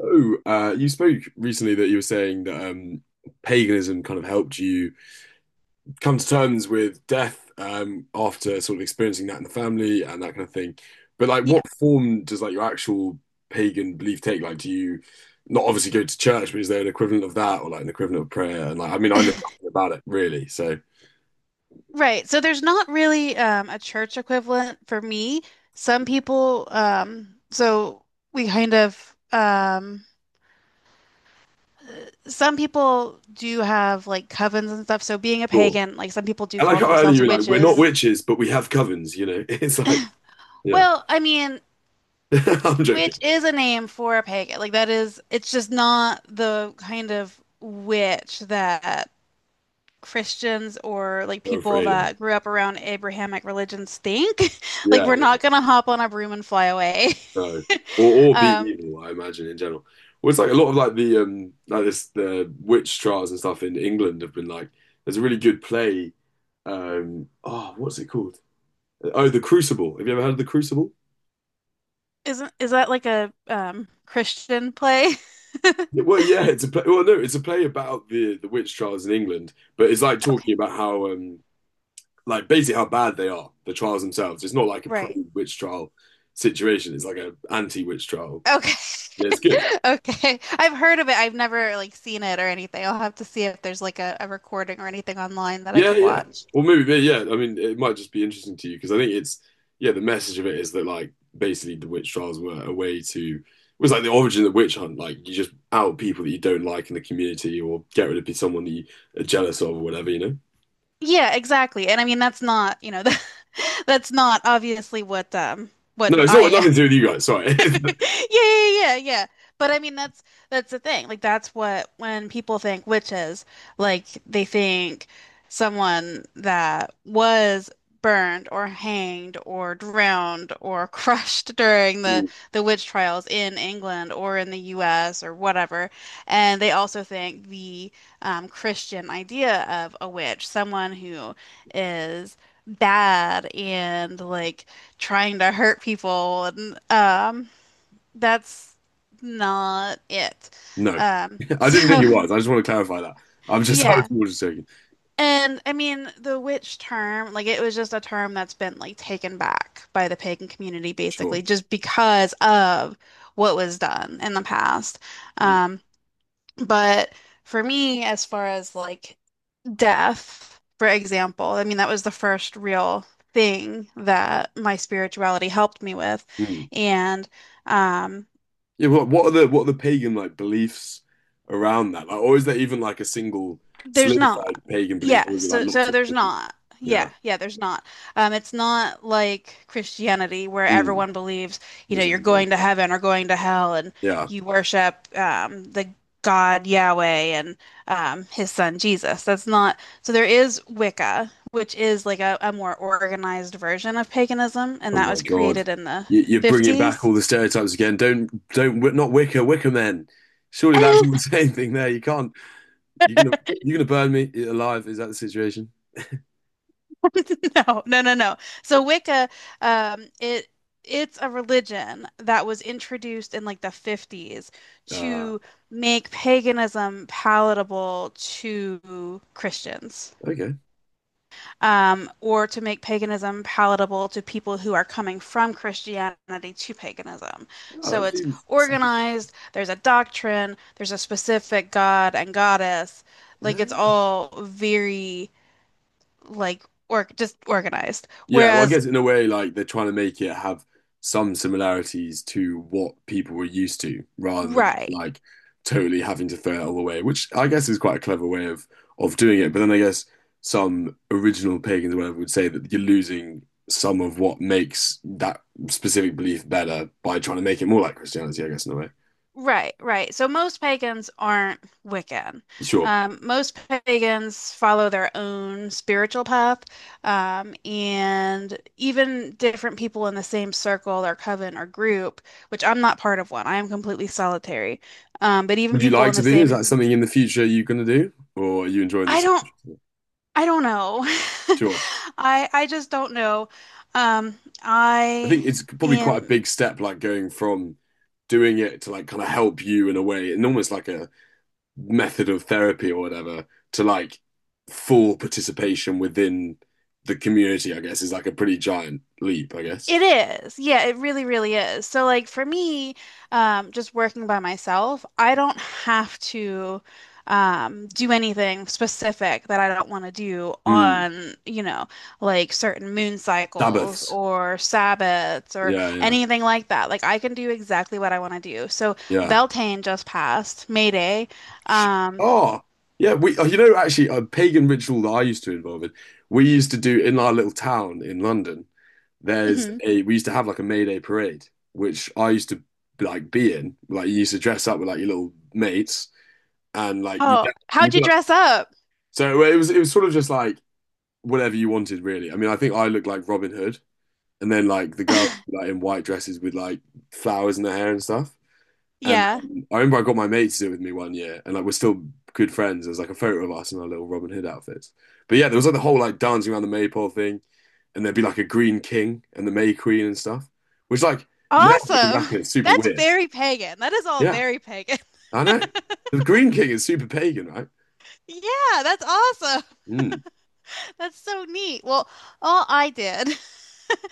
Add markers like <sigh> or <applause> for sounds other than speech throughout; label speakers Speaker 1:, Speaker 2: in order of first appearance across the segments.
Speaker 1: Oh, you spoke recently that you were saying that paganism kind of helped you come to terms with death after sort of experiencing that in the family and that kind of thing. But like, what
Speaker 2: Yep.
Speaker 1: form does like your actual pagan belief take? Like, do you not obviously go to church, but is there an equivalent of that or like an equivalent of prayer? And like, I mean, I know
Speaker 2: <laughs>
Speaker 1: nothing about it really, so
Speaker 2: Right. So there's not really a church equivalent for me. Some people, we kind of, um, some people do have like covens and stuff. So being a
Speaker 1: sure.
Speaker 2: pagan, like some people do
Speaker 1: I like
Speaker 2: call
Speaker 1: how earlier
Speaker 2: themselves
Speaker 1: you were like, we're not
Speaker 2: witches.
Speaker 1: witches, but we have covens. You know, <laughs> it's like, yeah,
Speaker 2: Well, I mean,
Speaker 1: <laughs> I'm joking.
Speaker 2: witch is a name for a pagan. Like that is, it's just not the kind of witch that Christians or like
Speaker 1: No,
Speaker 2: people
Speaker 1: afraid of.
Speaker 2: that grew up around Abrahamic religions think. <laughs> Like
Speaker 1: Yeah,
Speaker 2: we're not gonna hop on a broom and fly away.
Speaker 1: no.
Speaker 2: <laughs>
Speaker 1: Or be
Speaker 2: Um,
Speaker 1: evil, I imagine in general. Well, it's like a lot of like the like this the witch trials and stuff in England have been like there's a really good play. Oh, what's it called? Oh, The Crucible. Have you ever heard of The Crucible?
Speaker 2: isn't is that like a Christian play? <laughs>
Speaker 1: Yeah, well, yeah, it's a play. Well, no, it's a play about the witch trials in England, but it's like
Speaker 2: Okay.
Speaker 1: talking about how basically how bad they are, the trials themselves. It's not like a
Speaker 2: Right.
Speaker 1: pre-witch trial situation. It's like a anti-witch trial.
Speaker 2: Okay.
Speaker 1: Yeah,
Speaker 2: <laughs>
Speaker 1: it's good.
Speaker 2: Okay. I've heard of it. I've never like seen it or anything. I'll have to see if there's like a recording or anything online that I
Speaker 1: Yeah,
Speaker 2: could
Speaker 1: yeah.
Speaker 2: watch.
Speaker 1: Or maybe, yeah. I mean, it might just be interesting to you because I think it's, yeah, the message of it is that, like, basically the witch trials were a way to, it was like the origin of the witch hunt. Like, you just out people that you don't like in the community or get rid of someone that you are jealous of or whatever, you know?
Speaker 2: Yeah, exactly. And I mean that's not, you know, <laughs> that's not obviously what
Speaker 1: No, it's not
Speaker 2: I
Speaker 1: nothing to do with you guys. Sorry.
Speaker 2: <laughs> Yeah,
Speaker 1: <laughs>
Speaker 2: yeah, yeah, yeah. But I mean, that's the thing. Like, that's what when people think witches, like they think someone that was burned or hanged or drowned or <laughs> crushed during the witch trials in England or in the U.S. or whatever. And they also think the Christian idea of a witch, someone who is bad and like trying to hurt people and that's not it.
Speaker 1: No, <laughs> I didn't think
Speaker 2: So
Speaker 1: it was. I just want to clarify that. I'm
Speaker 2: <laughs>
Speaker 1: just, <laughs> I
Speaker 2: yeah.
Speaker 1: was more just joking.
Speaker 2: And I mean, the witch term, like it was just a term that's been like taken back by the pagan community
Speaker 1: Sure.
Speaker 2: basically just because of what was done in the past.
Speaker 1: Mm,
Speaker 2: Um, but for me, as far as like death, for example, I mean, that was the first real thing that my spirituality helped me with.
Speaker 1: mm.
Speaker 2: And um
Speaker 1: Yeah, what are the pagan like beliefs around that? Like, or is there even like a single
Speaker 2: There's not.
Speaker 1: solidified pagan
Speaker 2: Yeah,
Speaker 1: belief, or is it like
Speaker 2: so
Speaker 1: lots of
Speaker 2: there's
Speaker 1: different?
Speaker 2: not. Yeah,
Speaker 1: Yeah,
Speaker 2: yeah, there's not. It's not like Christianity where
Speaker 1: mm,
Speaker 2: everyone believes, you
Speaker 1: the
Speaker 2: know, you're
Speaker 1: same thing.
Speaker 2: going to heaven or going to hell and
Speaker 1: Yeah.
Speaker 2: you worship the God Yahweh and his son Jesus. That's not so there is Wicca, which is like a more organized version of paganism, and
Speaker 1: Oh
Speaker 2: that
Speaker 1: my
Speaker 2: was
Speaker 1: God,
Speaker 2: created in the
Speaker 1: you're bringing back
Speaker 2: 50s.
Speaker 1: all the stereotypes again. Don't not Wicca men. Surely that's all the <laughs>
Speaker 2: <laughs>
Speaker 1: same thing there. You can't. You're gonna you're gonna burn me alive. Is that the situation?
Speaker 2: <laughs> No, no, no, no. So Wicca, um, it it's a religion that was introduced in like the 50s
Speaker 1: Uh
Speaker 2: to make paganism palatable to Christians,
Speaker 1: okay.
Speaker 2: or to make paganism palatable to people who are coming from Christianity to paganism.
Speaker 1: Oh,
Speaker 2: So
Speaker 1: that
Speaker 2: it's
Speaker 1: seems, seems-
Speaker 2: organized, there's a doctrine, there's a specific god and goddess. Like it's
Speaker 1: yeah.
Speaker 2: all very like or just organized.
Speaker 1: Yeah, well, I
Speaker 2: Whereas
Speaker 1: guess in a way, like they're trying to make it have some similarities to what people were used to, rather than just
Speaker 2: Right,
Speaker 1: like totally having to throw it all away, which I guess is quite a clever way of doing it. But then I guess some original pagans or whatever would say that you're losing some of what makes that specific belief better by trying to make it more like Christianity, I guess, in a way.
Speaker 2: right. So most pagans aren't Wiccan.
Speaker 1: Sure.
Speaker 2: Most pagans follow their own spiritual path, and even different people in the same circle or coven or group, which I'm not part of one. I am completely solitary. But even
Speaker 1: Would you
Speaker 2: people
Speaker 1: like
Speaker 2: in
Speaker 1: to
Speaker 2: the
Speaker 1: be? Is
Speaker 2: same,
Speaker 1: that something in the future you're going to do, or are you enjoying
Speaker 2: I
Speaker 1: this?
Speaker 2: don't, I don't know. <laughs>
Speaker 1: Sure.
Speaker 2: I just don't know.
Speaker 1: I
Speaker 2: I
Speaker 1: think it's probably quite a
Speaker 2: am.
Speaker 1: big step, like going from doing it to like kind of help you in a way, and almost like a method of therapy or whatever, to like full participation within the community, I guess, is like a pretty giant leap, I guess.
Speaker 2: It is. Yeah, it really, really is. So, like for me, just working by myself, I don't have to do anything specific that I don't want to do
Speaker 1: Mm.
Speaker 2: on, you know, like certain moon cycles
Speaker 1: Sabbaths.
Speaker 2: or Sabbats or
Speaker 1: Yeah, yeah,
Speaker 2: anything like that. Like I can do exactly what I want to do. So
Speaker 1: yeah.
Speaker 2: Beltane just passed, May Day.
Speaker 1: Sh-
Speaker 2: Um,
Speaker 1: oh, yeah. We, oh, you know, actually, a pagan ritual that I used to involve in, we used to do in our little town in London. There's
Speaker 2: mhm.
Speaker 1: a, we used to have like a May Day parade, which I used to like be in. Like, you used to dress up with like your little mates and like you,
Speaker 2: Oh,
Speaker 1: and we
Speaker 2: how'd
Speaker 1: did,
Speaker 2: you
Speaker 1: like,
Speaker 2: dress up?
Speaker 1: so it was sort of just like whatever you wanted, really. I mean, I think I looked like Robin Hood and then like the girls
Speaker 2: <laughs>
Speaker 1: like in white dresses with like flowers in their hair and stuff. And
Speaker 2: Yeah.
Speaker 1: then I remember I got my mate to do it with me one year, and like we're still good friends. There's like a photo of us in our little Robin Hood outfits. But yeah, there was like the whole like dancing around the maypole thing, and there'd be like a green king and the May Queen and stuff, which like now looking
Speaker 2: Awesome.
Speaker 1: back, it's
Speaker 2: <laughs>
Speaker 1: super
Speaker 2: That's
Speaker 1: weird.
Speaker 2: very pagan. That is all
Speaker 1: Yeah,
Speaker 2: very pagan.
Speaker 1: I know. The green king is super pagan, right?
Speaker 2: Yeah, that's awesome.
Speaker 1: Mm.
Speaker 2: <laughs> That's so neat. Well, all I did,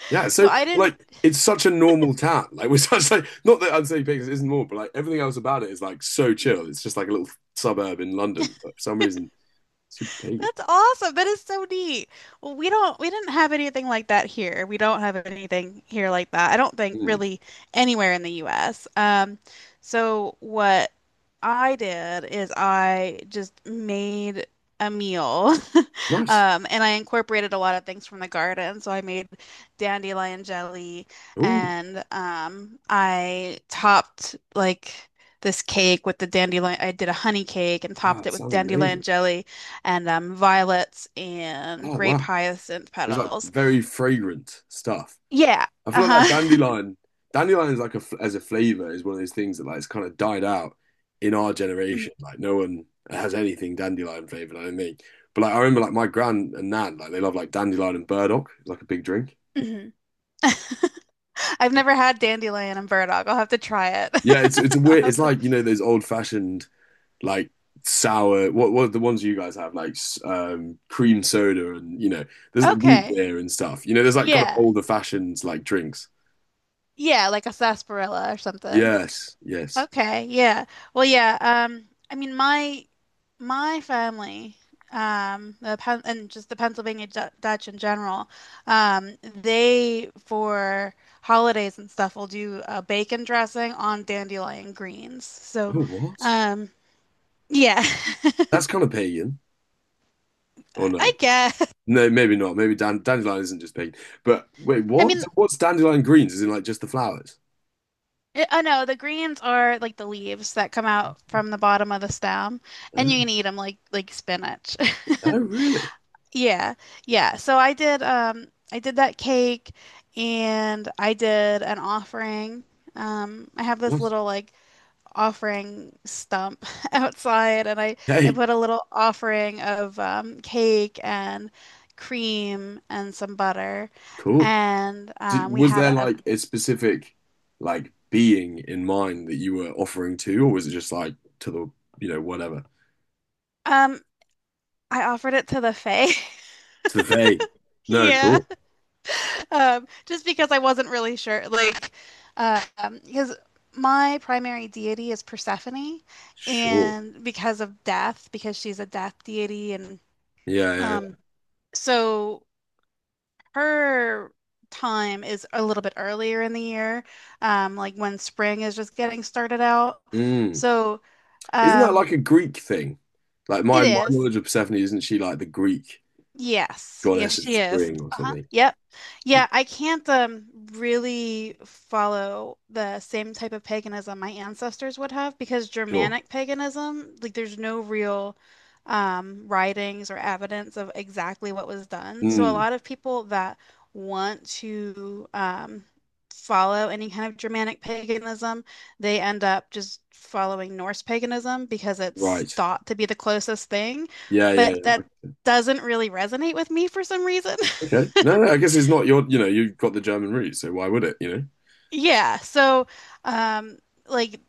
Speaker 1: Yeah,
Speaker 2: <laughs> so
Speaker 1: so
Speaker 2: I didn't.
Speaker 1: like it's such a normal town. Like <laughs> we're such like not that I'd say Vegas isn't normal, but like everything else about it is like so
Speaker 2: Mhm.
Speaker 1: chill. It's just like a little suburb in London, but for some reason super pagan.
Speaker 2: That's awesome. That is so neat. Well, we didn't have anything like that here. We don't have anything here like that. I don't think
Speaker 1: Mm.
Speaker 2: really anywhere in the US. So what I did is I just made a meal. <laughs>
Speaker 1: Nice.
Speaker 2: And I incorporated a lot of things from the garden. So I made dandelion jelly
Speaker 1: Ooh.
Speaker 2: and I topped like this cake with the dandelion. I did a honey cake and
Speaker 1: Oh,
Speaker 2: topped
Speaker 1: it
Speaker 2: it with
Speaker 1: sounds
Speaker 2: dandelion
Speaker 1: amazing.
Speaker 2: jelly and violets and
Speaker 1: Oh
Speaker 2: grape
Speaker 1: wow,
Speaker 2: hyacinth
Speaker 1: it's like
Speaker 2: petals.
Speaker 1: very fragrant stuff.
Speaker 2: Yeah.
Speaker 1: I feel like that
Speaker 2: Uh-huh. <laughs>
Speaker 1: dandelion is like a as a flavor is one of those things that like it's kind of died out in our
Speaker 2: Mhm,
Speaker 1: generation. Like no one has anything dandelion flavored. I don't think. But like I remember like my gran and nan like they love like dandelion and burdock. It's like a big drink.
Speaker 2: mhm. I've never had dandelion and burdock. I'll have to try it.
Speaker 1: Yeah, it's a
Speaker 2: <laughs> I'll
Speaker 1: weird. It's
Speaker 2: have to.
Speaker 1: like you know those old fashioned like sour. What are the ones you guys have like cream soda and you know there's the root
Speaker 2: Okay.
Speaker 1: beer and stuff. You know there's like kind of
Speaker 2: Yeah.
Speaker 1: older fashioned like drinks.
Speaker 2: Yeah, like a sarsaparilla or something.
Speaker 1: Yes, yes.
Speaker 2: Okay, yeah. Well, yeah, I mean my family the Pennsylvania Dutch in general, they for holidays and stuff will do a bacon dressing on dandelion greens. So,
Speaker 1: Oh, what?
Speaker 2: um yeah, <laughs>
Speaker 1: That's kind of pagan, or
Speaker 2: I
Speaker 1: no?
Speaker 2: guess.
Speaker 1: No, maybe not. Maybe dandelion isn't just pagan. But wait,
Speaker 2: I
Speaker 1: what?
Speaker 2: mean,
Speaker 1: So what's dandelion greens? Is in like just the flowers?
Speaker 2: I know the greens are like the leaves that come out from the bottom of the stem, and you can
Speaker 1: Ah,
Speaker 2: eat them like spinach.
Speaker 1: oh,
Speaker 2: <laughs>
Speaker 1: really?
Speaker 2: Yeah, yeah. So I did that cake and I did an offering. I have this
Speaker 1: Yes.
Speaker 2: little like offering stump <laughs> outside and I
Speaker 1: Hey,
Speaker 2: put a little offering of cake and cream and some butter
Speaker 1: cool.
Speaker 2: and
Speaker 1: Did,
Speaker 2: we
Speaker 1: was
Speaker 2: had
Speaker 1: there
Speaker 2: a
Speaker 1: like a specific like being in mind that you were offering to, or was it just like to the you know whatever
Speaker 2: um I offered it to the Fae. <laughs>
Speaker 1: to the vague? No,
Speaker 2: Yeah.
Speaker 1: cool.
Speaker 2: Just because I wasn't really sure, like, because my primary deity is Persephone,
Speaker 1: Sure.
Speaker 2: and because of death, because she's a death deity, and
Speaker 1: Yeah, yeah,
Speaker 2: um, so her time is a little bit earlier in the year, like when spring is just getting started out.
Speaker 1: yeah. Mm.
Speaker 2: So,
Speaker 1: Isn't that
Speaker 2: um,
Speaker 1: like a Greek thing? Like
Speaker 2: it
Speaker 1: my
Speaker 2: is.
Speaker 1: knowledge of Persephone, isn't she like the Greek
Speaker 2: Yes. Yes,
Speaker 1: goddess of
Speaker 2: she is.
Speaker 1: spring or
Speaker 2: Uh-huh.
Speaker 1: something?
Speaker 2: Yep. Yeah, I can't really follow the same type of paganism my ancestors would have because
Speaker 1: Sure.
Speaker 2: Germanic paganism, like there's no real writings or evidence of exactly what was done. So a
Speaker 1: Mm,
Speaker 2: lot of people that want to follow any kind of Germanic paganism, they end up just following Norse paganism because it's
Speaker 1: right.
Speaker 2: thought to be the closest thing.
Speaker 1: Yeah, yeah,
Speaker 2: But
Speaker 1: yeah.
Speaker 2: that doesn't really resonate with me for some reason.
Speaker 1: Okay.
Speaker 2: <laughs>
Speaker 1: No, no, I guess it's not your, you know, you've got the German roots, so why would it, you know?
Speaker 2: Yeah, so um like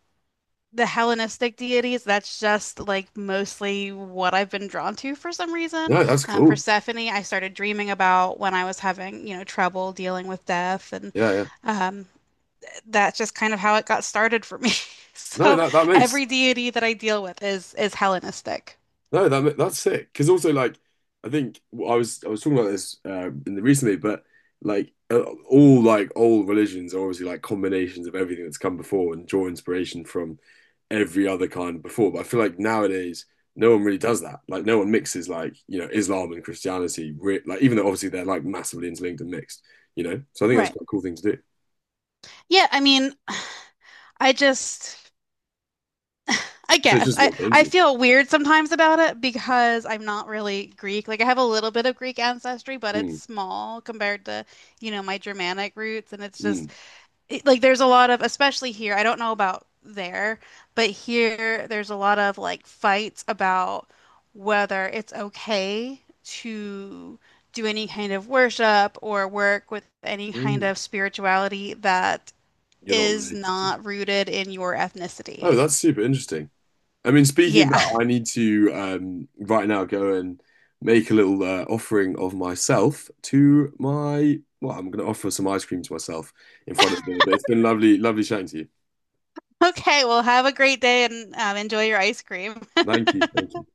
Speaker 2: the Hellenistic deities, that's just like mostly what I've been drawn to for some reason.
Speaker 1: No, that's cool.
Speaker 2: Persephone, I started dreaming about when I was having, you know, trouble dealing with death, and
Speaker 1: Yeah, yeah.
Speaker 2: um, that's just kind of how it got started for me. <laughs>
Speaker 1: No,
Speaker 2: So
Speaker 1: that that makes
Speaker 2: every deity that I deal with is Hellenistic.
Speaker 1: no, that that's sick. Because also, like, I think I was talking about this in the recently, but like all like old religions are obviously like combinations of everything that's come before and draw inspiration from every other kind before. But I feel like nowadays no one really does that. Like, no one mixes like you know Islam and Christianity. Re like, even though obviously they're like massively interlinked and mixed, you know. So I think that's
Speaker 2: Right.
Speaker 1: quite a cool thing to do.
Speaker 2: Yeah, I mean, I just I
Speaker 1: It's
Speaker 2: guess.
Speaker 1: just what they're
Speaker 2: I
Speaker 1: into.
Speaker 2: feel weird sometimes about it because I'm not really Greek. Like I have a little bit of Greek ancestry, but it's
Speaker 1: Mm,
Speaker 2: small compared to, you know, my Germanic roots. And it's
Speaker 1: mm,
Speaker 2: just like there's a lot of, especially here, I don't know about there, but here there's a lot of like fights about whether it's okay to do any kind of worship or work with any kind
Speaker 1: mm.
Speaker 2: of spirituality that
Speaker 1: You're not
Speaker 2: is
Speaker 1: related to.
Speaker 2: not rooted in your
Speaker 1: Oh,
Speaker 2: ethnicity.
Speaker 1: that's super interesting. I mean, speaking of
Speaker 2: Yeah.
Speaker 1: that,
Speaker 2: <laughs>
Speaker 1: I need to right now go and make a little offering of myself to my. Well, I'm going to offer some ice cream to myself in front of the. But it's been lovely, lovely chatting to you.
Speaker 2: Okay, well, have a great day and enjoy your ice cream.
Speaker 1: Thank you. Thank you.